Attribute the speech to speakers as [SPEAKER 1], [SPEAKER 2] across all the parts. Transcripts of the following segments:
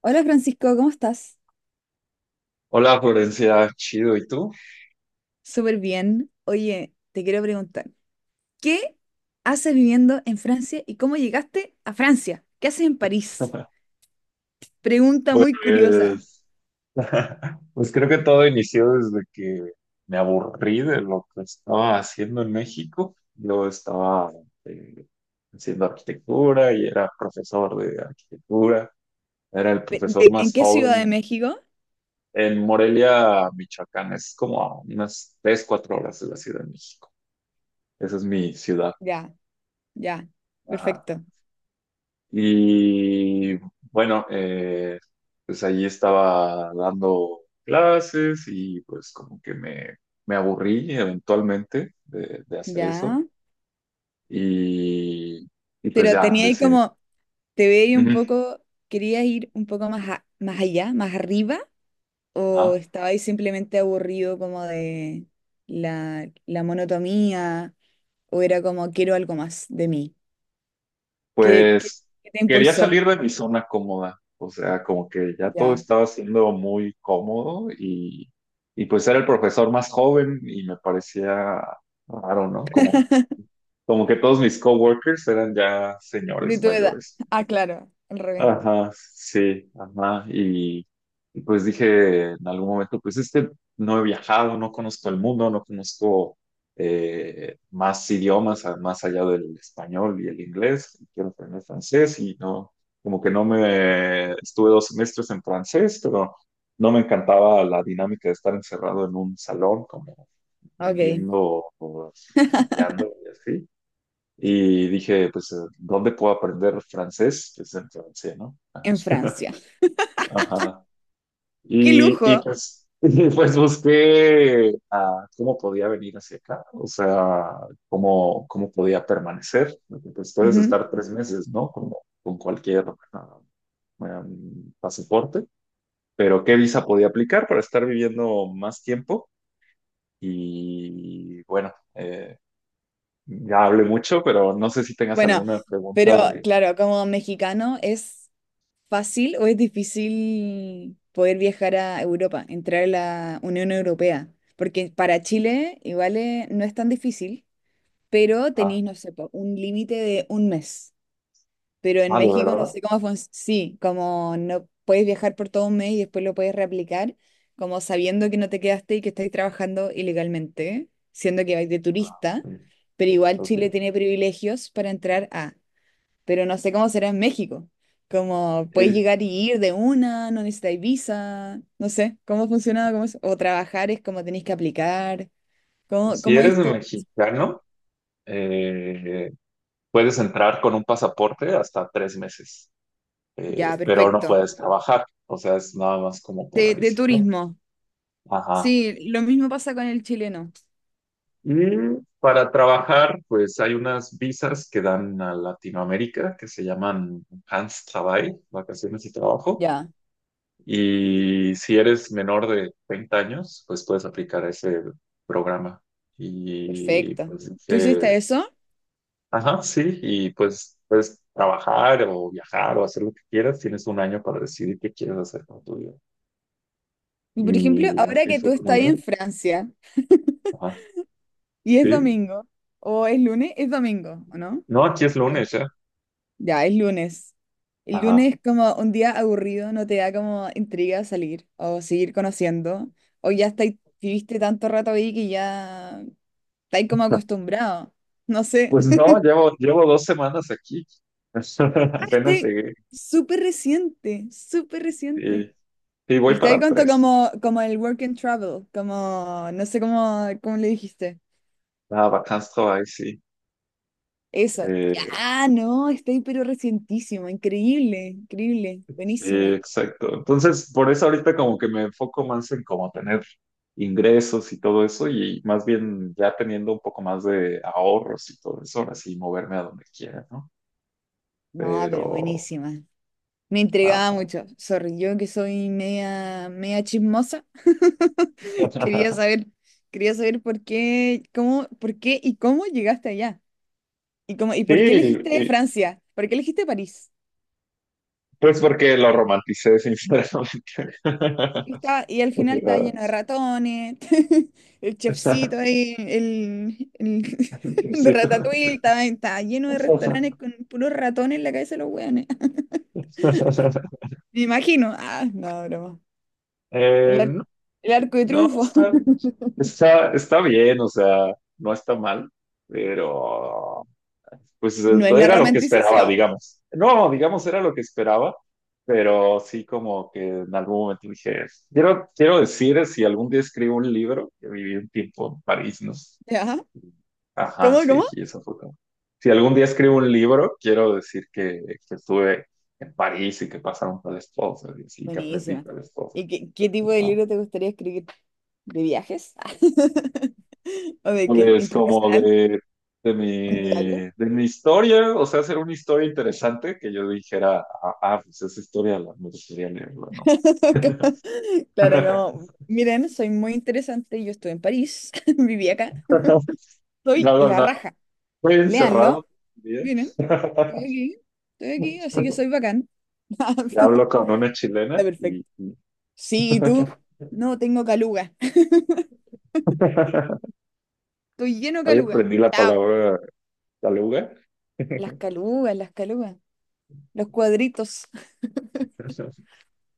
[SPEAKER 1] Hola Francisco, ¿cómo estás?
[SPEAKER 2] Hola Florencia, chido, ¿y tú?
[SPEAKER 1] Súper bien. Oye, te quiero preguntar, ¿qué haces viviendo en Francia y cómo llegaste a Francia? ¿Qué haces en París? Pregunta muy
[SPEAKER 2] Pues,
[SPEAKER 1] curiosa.
[SPEAKER 2] pues creo que todo inició desde que me aburrí de lo que estaba haciendo en México. Yo estaba eh, haciendo arquitectura y era profesor de arquitectura. Era el profesor
[SPEAKER 1] ¿En
[SPEAKER 2] más
[SPEAKER 1] qué ciudad de
[SPEAKER 2] joven
[SPEAKER 1] México?
[SPEAKER 2] en Morelia, Michoacán. Es como a unas 3, 4 horas de la Ciudad de México. Esa es mi ciudad.
[SPEAKER 1] Ya, ya,
[SPEAKER 2] Ajá.
[SPEAKER 1] perfecto.
[SPEAKER 2] Y bueno, pues allí estaba dando clases y pues como que me aburrí eventualmente de hacer eso.
[SPEAKER 1] Ya.
[SPEAKER 2] Y, y pues
[SPEAKER 1] Pero
[SPEAKER 2] ya
[SPEAKER 1] tenía ahí
[SPEAKER 2] decidí.
[SPEAKER 1] como, te veía un
[SPEAKER 2] Ujú.
[SPEAKER 1] poco, ¿querías ir un poco más, más allá, más arriba? ¿O
[SPEAKER 2] Ah,
[SPEAKER 1] estabas ahí simplemente aburrido como de la monotonía? ¿O era como, quiero algo más de mí? ¿Qué, qué-
[SPEAKER 2] pues
[SPEAKER 1] qué te
[SPEAKER 2] quería
[SPEAKER 1] impulsó?
[SPEAKER 2] salir de mi zona cómoda. O sea, como que ya todo
[SPEAKER 1] Ya.
[SPEAKER 2] estaba siendo muy cómodo y pues era el profesor más joven y me parecía raro, ¿no? Como que todos mis coworkers eran ya
[SPEAKER 1] De
[SPEAKER 2] señores
[SPEAKER 1] tu edad.
[SPEAKER 2] mayores.
[SPEAKER 1] Ah, claro, al revés.
[SPEAKER 2] Ajá, sí, ajá. Y pues dije en algún momento, pues es que no he viajado, no conozco el mundo, no conozco más idiomas, más allá del español y el inglés. Quiero aprender francés y no, como que no me, estuve dos semestres en francés, pero no me encantaba la dinámica de estar encerrado en un salón, como
[SPEAKER 1] Ok,
[SPEAKER 2] viendo, o estudiando y así. Y dije, pues, ¿dónde puedo aprender francés? Pues en Francia, ¿no? Ajá.
[SPEAKER 1] en Francia.
[SPEAKER 2] Ajá.
[SPEAKER 1] ¡Qué
[SPEAKER 2] Y
[SPEAKER 1] lujo!
[SPEAKER 2] pues, y, pues busqué cómo podía venir hacia acá, o sea, cómo podía permanecer. Porque, pues puedes
[SPEAKER 1] Ujú.
[SPEAKER 2] estar tres meses, ¿no? Como, con cualquier ah, pasaporte, pero ¿qué visa podía aplicar para estar viviendo más tiempo? Y bueno, ya hablé mucho, pero no sé si tengas
[SPEAKER 1] Bueno,
[SPEAKER 2] alguna pregunta
[SPEAKER 1] pero
[SPEAKER 2] de.
[SPEAKER 1] claro, como mexicano, ¿es fácil o es difícil poder viajar a Europa, entrar a la Unión Europea? Porque para Chile igual no es tan difícil, pero
[SPEAKER 2] ah,
[SPEAKER 1] tenéis, no sé, po, un límite de un mes. Pero en
[SPEAKER 2] Ah, ¿de
[SPEAKER 1] México no
[SPEAKER 2] verdad?
[SPEAKER 1] sé cómo funciona. Sí, como no puedes viajar por todo un mes y después lo puedes reaplicar, como sabiendo que no te quedaste y que estás trabajando ilegalmente, siendo que vais de
[SPEAKER 2] Ah,
[SPEAKER 1] turista,
[SPEAKER 2] mm,
[SPEAKER 1] pero igual
[SPEAKER 2] ok.
[SPEAKER 1] Chile tiene privilegios para entrar a. Pero no sé cómo será en México. Como puedes
[SPEAKER 2] Eh,
[SPEAKER 1] llegar y ir de una, no necesitáis visa, no sé cómo funciona, o trabajar es como tenéis que aplicar, cómo,
[SPEAKER 2] si
[SPEAKER 1] cómo
[SPEAKER 2] eres
[SPEAKER 1] esto.
[SPEAKER 2] mexicano, eh, puedes entrar con un pasaporte hasta tres meses,
[SPEAKER 1] Ya,
[SPEAKER 2] pero no
[SPEAKER 1] perfecto.
[SPEAKER 2] puedes trabajar. O sea, es nada más como para
[SPEAKER 1] De
[SPEAKER 2] visitar.
[SPEAKER 1] turismo.
[SPEAKER 2] Ajá.
[SPEAKER 1] Sí, lo mismo pasa con el chileno.
[SPEAKER 2] Y para trabajar, pues hay unas visas que dan a Latinoamérica que se llaman Hans Travail, vacaciones y trabajo.
[SPEAKER 1] Ya,
[SPEAKER 2] Y si eres menor de 30 años, pues puedes aplicar ese programa. Y
[SPEAKER 1] perfecto.
[SPEAKER 2] pues
[SPEAKER 1] ¿Tú hiciste
[SPEAKER 2] dije,
[SPEAKER 1] eso?
[SPEAKER 2] ajá, sí, y pues puedes trabajar o viajar o hacer lo que quieras. Tienes un año para decidir qué quieres hacer con tu vida.
[SPEAKER 1] Y por ejemplo,
[SPEAKER 2] Y
[SPEAKER 1] ahora
[SPEAKER 2] así
[SPEAKER 1] que tú
[SPEAKER 2] fue como
[SPEAKER 1] estás ahí
[SPEAKER 2] llegué.
[SPEAKER 1] en Francia
[SPEAKER 2] Ajá,
[SPEAKER 1] y es
[SPEAKER 2] sí.
[SPEAKER 1] domingo, o es lunes, es domingo, ¿o no?
[SPEAKER 2] No, aquí es
[SPEAKER 1] Bien.
[SPEAKER 2] lunes ya.
[SPEAKER 1] Ya, es lunes. El
[SPEAKER 2] Ajá.
[SPEAKER 1] lunes es como un día aburrido, no te da como intriga salir o seguir conociendo, o ya estáis, viviste tanto rato ahí que ya estáis como acostumbrado. No sé.
[SPEAKER 2] Pues no, llevo dos semanas aquí.
[SPEAKER 1] Ah,
[SPEAKER 2] Apenas
[SPEAKER 1] estoy
[SPEAKER 2] llegué.
[SPEAKER 1] súper reciente, súper reciente.
[SPEAKER 2] Y, y
[SPEAKER 1] Y
[SPEAKER 2] voy
[SPEAKER 1] está ahí
[SPEAKER 2] para
[SPEAKER 1] conto
[SPEAKER 2] tres.
[SPEAKER 1] como el work and travel, como, no sé cómo le dijiste.
[SPEAKER 2] Ah, vacances, travail, sí.
[SPEAKER 1] Eso.
[SPEAKER 2] Eh,
[SPEAKER 1] Ah, no, está ahí pero recientísimo, increíble, increíble,
[SPEAKER 2] Sí,
[SPEAKER 1] buenísima.
[SPEAKER 2] exacto. Entonces, por eso ahorita como que me enfoco más en como tener ingresos y todo eso y más bien ya teniendo un poco más de ahorros y todo eso, ahora sí moverme a donde quiera, ¿no?
[SPEAKER 1] No, pero
[SPEAKER 2] Pero.
[SPEAKER 1] buenísima. Me intrigaba
[SPEAKER 2] ah,
[SPEAKER 1] mucho. Sorry, yo que soy media, media chismosa. Quería saber, por qué, cómo, por qué y cómo llegaste allá. Y cómo, y
[SPEAKER 2] sí,
[SPEAKER 1] por qué elegiste
[SPEAKER 2] y-
[SPEAKER 1] Francia, por qué elegiste París.
[SPEAKER 2] pues porque lo romanticé, sinceramente.
[SPEAKER 1] Y, está, y al final está lleno de ratones, el
[SPEAKER 2] O sea,
[SPEAKER 1] chefcito ahí, el de
[SPEAKER 2] sí.
[SPEAKER 1] Ratatouille, está lleno de restaurantes con puros ratones en la cabeza de los weones. Me imagino. Ah, no, broma. El, ar-
[SPEAKER 2] No,
[SPEAKER 1] el arco de
[SPEAKER 2] no,
[SPEAKER 1] triunfo.
[SPEAKER 2] está, Está, está bien, o sea, no está mal, pero pues
[SPEAKER 1] No es
[SPEAKER 2] pues,
[SPEAKER 1] la
[SPEAKER 2] era lo que esperaba,
[SPEAKER 1] romantización.
[SPEAKER 2] digamos. No, digamos, era lo que esperaba, pero sí como que en algún momento dije, quiero decir, si algún día escribo un libro, que viví un tiempo en París, ¿no?
[SPEAKER 1] ¿Ya?
[SPEAKER 2] Ajá,
[SPEAKER 1] ¿Cómo,
[SPEAKER 2] sí,
[SPEAKER 1] cómo?
[SPEAKER 2] sí, eso fue como. Si algún día escribo un libro, quiero decir que estuve en París y que pasaron tales cosas y así, que aprendí
[SPEAKER 1] Buenísima.
[SPEAKER 2] tales cosas.
[SPEAKER 1] ¿Y qué tipo de libro te gustaría escribir? ¿De viajes? ¿O de qué?
[SPEAKER 2] Pues como
[SPEAKER 1] ¿Internacional?
[SPEAKER 2] de, de
[SPEAKER 1] ¿Un
[SPEAKER 2] mi,
[SPEAKER 1] diario?
[SPEAKER 2] de mi historia, o sea, hacer una historia interesante que yo dijera, pues esa historia me gustaría leerla, ¿no?
[SPEAKER 1] Claro, como, miren, soy muy interesante, yo estuve en París, viví acá,
[SPEAKER 2] No
[SPEAKER 1] soy
[SPEAKER 2] hago
[SPEAKER 1] la
[SPEAKER 2] nada,
[SPEAKER 1] raja,
[SPEAKER 2] estoy encerrado
[SPEAKER 1] léanlo,
[SPEAKER 2] bien.
[SPEAKER 1] miren, estoy aquí, estoy aquí, así que soy bacán.
[SPEAKER 2] Y
[SPEAKER 1] Está
[SPEAKER 2] hablo con una chilena
[SPEAKER 1] perfecto. Sí, ¿y tú? No, tengo caluga, estoy lleno de
[SPEAKER 2] hoy
[SPEAKER 1] caluga,
[SPEAKER 2] aprendí la
[SPEAKER 1] chao.
[SPEAKER 2] palabra taluga.
[SPEAKER 1] Las calugas, los cuadritos.
[SPEAKER 2] ¿Eso?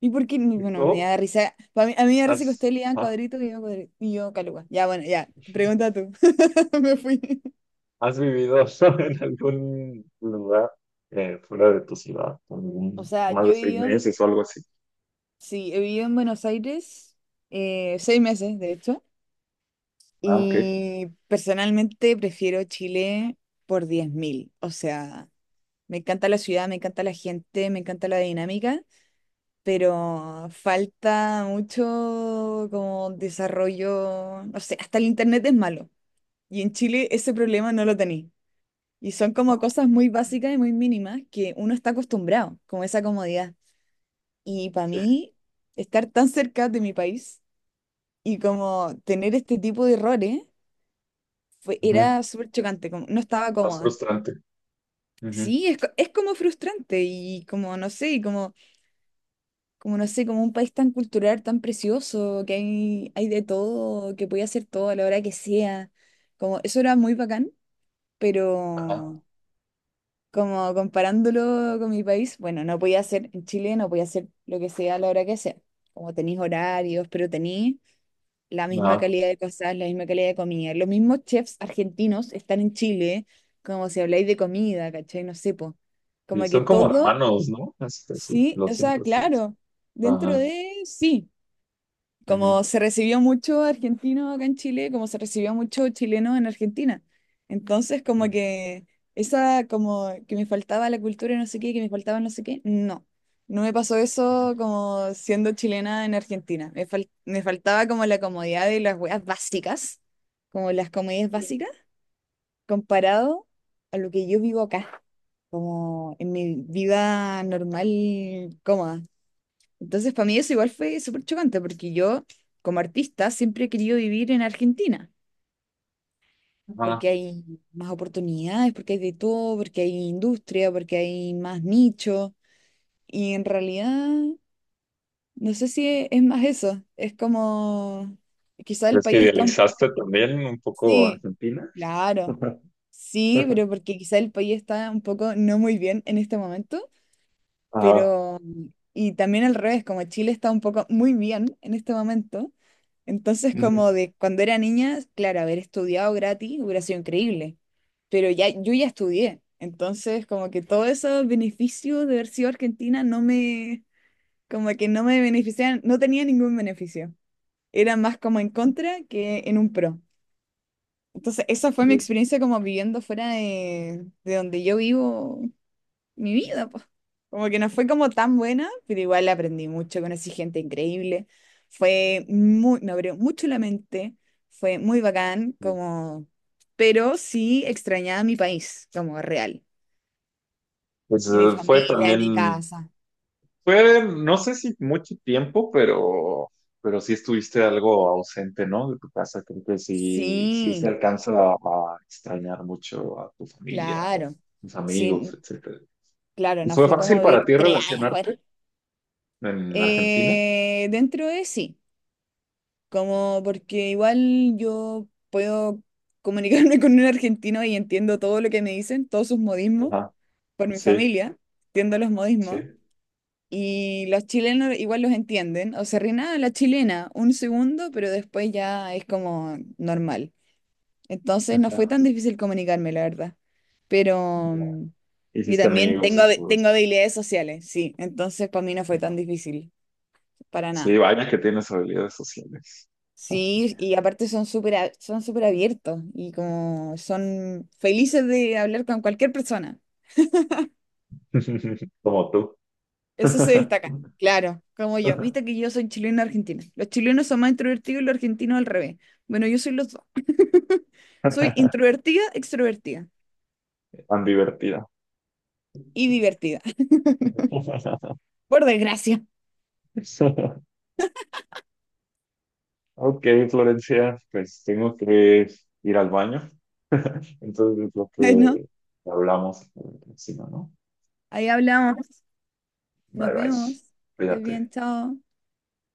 [SPEAKER 1] ¿Y por qué?
[SPEAKER 2] ¿Y
[SPEAKER 1] Bueno, me
[SPEAKER 2] tú?
[SPEAKER 1] da risa. A mí me da risa que
[SPEAKER 2] ¿Has?
[SPEAKER 1] ustedes lean
[SPEAKER 2] Ah.
[SPEAKER 1] cuadritos y y yo caluga. Ya, bueno, ya, pregunta tú, me fui.
[SPEAKER 2] ¿Has vivido en algún lugar fuera de tu ciudad?
[SPEAKER 1] O sea,
[SPEAKER 2] Más de
[SPEAKER 1] yo he
[SPEAKER 2] seis
[SPEAKER 1] vivido.
[SPEAKER 2] meses o algo así.
[SPEAKER 1] Sí, he vivido en Buenos Aires 6 meses, de hecho,
[SPEAKER 2] Ah, ok.
[SPEAKER 1] y personalmente prefiero Chile por 10.000. O sea, me encanta la ciudad, me encanta la gente, me encanta la dinámica, pero falta mucho como desarrollo, no sé, hasta el internet es malo. Y en Chile ese problema no lo tenéis. Y son
[SPEAKER 2] Ah,
[SPEAKER 1] como
[SPEAKER 2] ok.
[SPEAKER 1] cosas muy básicas y muy mínimas que uno está acostumbrado, como esa comodidad. Y para
[SPEAKER 2] Sí.
[SPEAKER 1] mí, estar tan cerca de mi país y como tener este tipo de errores fue,
[SPEAKER 2] Ujú.
[SPEAKER 1] era súper chocante, como, no estaba
[SPEAKER 2] Más
[SPEAKER 1] cómoda.
[SPEAKER 2] frustrante. Ujú.
[SPEAKER 1] Sí, es como frustrante y como, no sé, y como, no sé, como un país tan cultural, tan precioso, que hay de todo, que podía hacer todo a la hora que sea. Como, eso era muy bacán,
[SPEAKER 2] Ajá.
[SPEAKER 1] pero como comparándolo con mi país, bueno, no podía hacer, en Chile no podía hacer lo que sea a la hora que sea. Como tenéis horarios, pero tenéis la misma
[SPEAKER 2] Ajá.
[SPEAKER 1] calidad de cosas, la misma calidad de comida. Los mismos chefs argentinos están en Chile, como si habláis de comida, ¿cachai? No sé, po.
[SPEAKER 2] Y
[SPEAKER 1] Como que
[SPEAKER 2] son como
[SPEAKER 1] todo,
[SPEAKER 2] hermanos, ¿no? Este, sí,
[SPEAKER 1] sí,
[SPEAKER 2] lo
[SPEAKER 1] o sea,
[SPEAKER 2] siento, sí.
[SPEAKER 1] claro, dentro
[SPEAKER 2] Ajá.
[SPEAKER 1] de, sí,
[SPEAKER 2] Ujú.
[SPEAKER 1] como se recibió mucho argentino acá en Chile, como se recibió mucho chileno en Argentina. Entonces, como que esa, como que me faltaba la cultura y no sé qué, que me faltaba no sé qué, no. No me pasó eso como siendo chilena en Argentina. Me faltaba como la comodidad de las weas básicas, como las comodidades básicas, comparado a lo que yo vivo acá, como en mi vida normal, cómoda. Entonces, para mí eso igual fue súper chocante, porque yo, como artista, siempre he querido vivir en Argentina,
[SPEAKER 2] Ajá.
[SPEAKER 1] porque hay más oportunidades, porque hay de todo, porque hay industria, porque hay más nicho. Y en realidad, no sé si e- es más eso, es como, quizá el
[SPEAKER 2] ¿Crees que
[SPEAKER 1] país está un poco...
[SPEAKER 2] idealizaste también un poco
[SPEAKER 1] Sí,
[SPEAKER 2] Argentina?
[SPEAKER 1] claro, sí, pero porque quizá el país está un poco no muy bien en este momento.
[SPEAKER 2] Ajá.
[SPEAKER 1] Pero, y también al revés, como Chile está un poco muy bien en este momento, entonces como
[SPEAKER 2] Ujú.
[SPEAKER 1] de cuando era niña, claro, haber estudiado gratis hubiera sido increíble, pero ya yo ya estudié, entonces como que todos esos beneficios de haber sido argentina no me, como que no me beneficiaban, no tenía ningún beneficio, era más como en contra que en un pro. Entonces esa fue mi
[SPEAKER 2] Sí,
[SPEAKER 1] experiencia como viviendo fuera de, donde yo vivo mi vida, pues. Como que no fue como tan buena, pero igual aprendí mucho, conocí gente increíble. Fue muy, me abrió mucho la mente, fue muy bacán,
[SPEAKER 2] sí.
[SPEAKER 1] como, pero sí extrañaba mi país, como real,
[SPEAKER 2] Pues
[SPEAKER 1] y mi
[SPEAKER 2] fue
[SPEAKER 1] familia, y mi
[SPEAKER 2] también.
[SPEAKER 1] casa.
[SPEAKER 2] Fue, no sé si mucho tiempo, pero sí estuviste algo ausente, ¿no? De tu casa. Creo que sí, sí se
[SPEAKER 1] Sí,
[SPEAKER 2] alcanza a extrañar mucho a tu familia o
[SPEAKER 1] claro.
[SPEAKER 2] tus amigos,
[SPEAKER 1] Sí,
[SPEAKER 2] etcétera.
[SPEAKER 1] claro,
[SPEAKER 2] ¿Y
[SPEAKER 1] no
[SPEAKER 2] fue
[SPEAKER 1] fue como
[SPEAKER 2] fácil para
[SPEAKER 1] vivir
[SPEAKER 2] ti
[SPEAKER 1] 3 años fuera.
[SPEAKER 2] relacionarte en Argentina?
[SPEAKER 1] Dentro de sí. Como porque igual yo puedo comunicarme con un argentino y entiendo todo lo que me dicen, todos sus modismos,
[SPEAKER 2] Ajá,
[SPEAKER 1] por mi
[SPEAKER 2] sí,
[SPEAKER 1] familia, entiendo los
[SPEAKER 2] sí.
[SPEAKER 1] modismos. Y los chilenos igual los entienden, o se ríen "Ah, la chilena un segundo, pero después ya es como normal. Entonces no fue
[SPEAKER 2] Ajá.
[SPEAKER 1] tan difícil comunicarme, la verdad. Pero,
[SPEAKER 2] Ya.
[SPEAKER 1] y
[SPEAKER 2] Hiciste
[SPEAKER 1] también
[SPEAKER 2] amigos y todo
[SPEAKER 1] tengo
[SPEAKER 2] eso.
[SPEAKER 1] habilidades sociales, sí, entonces para mí no fue tan
[SPEAKER 2] Ajá.
[SPEAKER 1] difícil, para
[SPEAKER 2] Sí,
[SPEAKER 1] nada.
[SPEAKER 2] vaya que tienes habilidades sociales.
[SPEAKER 1] Sí, y aparte son súper abiertos y como son felices de hablar con cualquier persona.
[SPEAKER 2] Como tú.
[SPEAKER 1] Eso se destaca. Claro, como yo. Viste que yo soy chilena argentina. Los chilenos son más introvertidos y los argentinos al revés. Bueno, yo soy los dos. Soy introvertida, extrovertida
[SPEAKER 2] Tan divertida.
[SPEAKER 1] y divertida. Por desgracia.
[SPEAKER 2] Ok, Florencia, pues tengo que ir al baño. Entonces, creo
[SPEAKER 1] Bueno,
[SPEAKER 2] que hablamos por encima, ¿no?
[SPEAKER 1] ahí hablamos.
[SPEAKER 2] Bye
[SPEAKER 1] Nos
[SPEAKER 2] bye.
[SPEAKER 1] vemos. Estés
[SPEAKER 2] Cuídate.
[SPEAKER 1] bien, chao.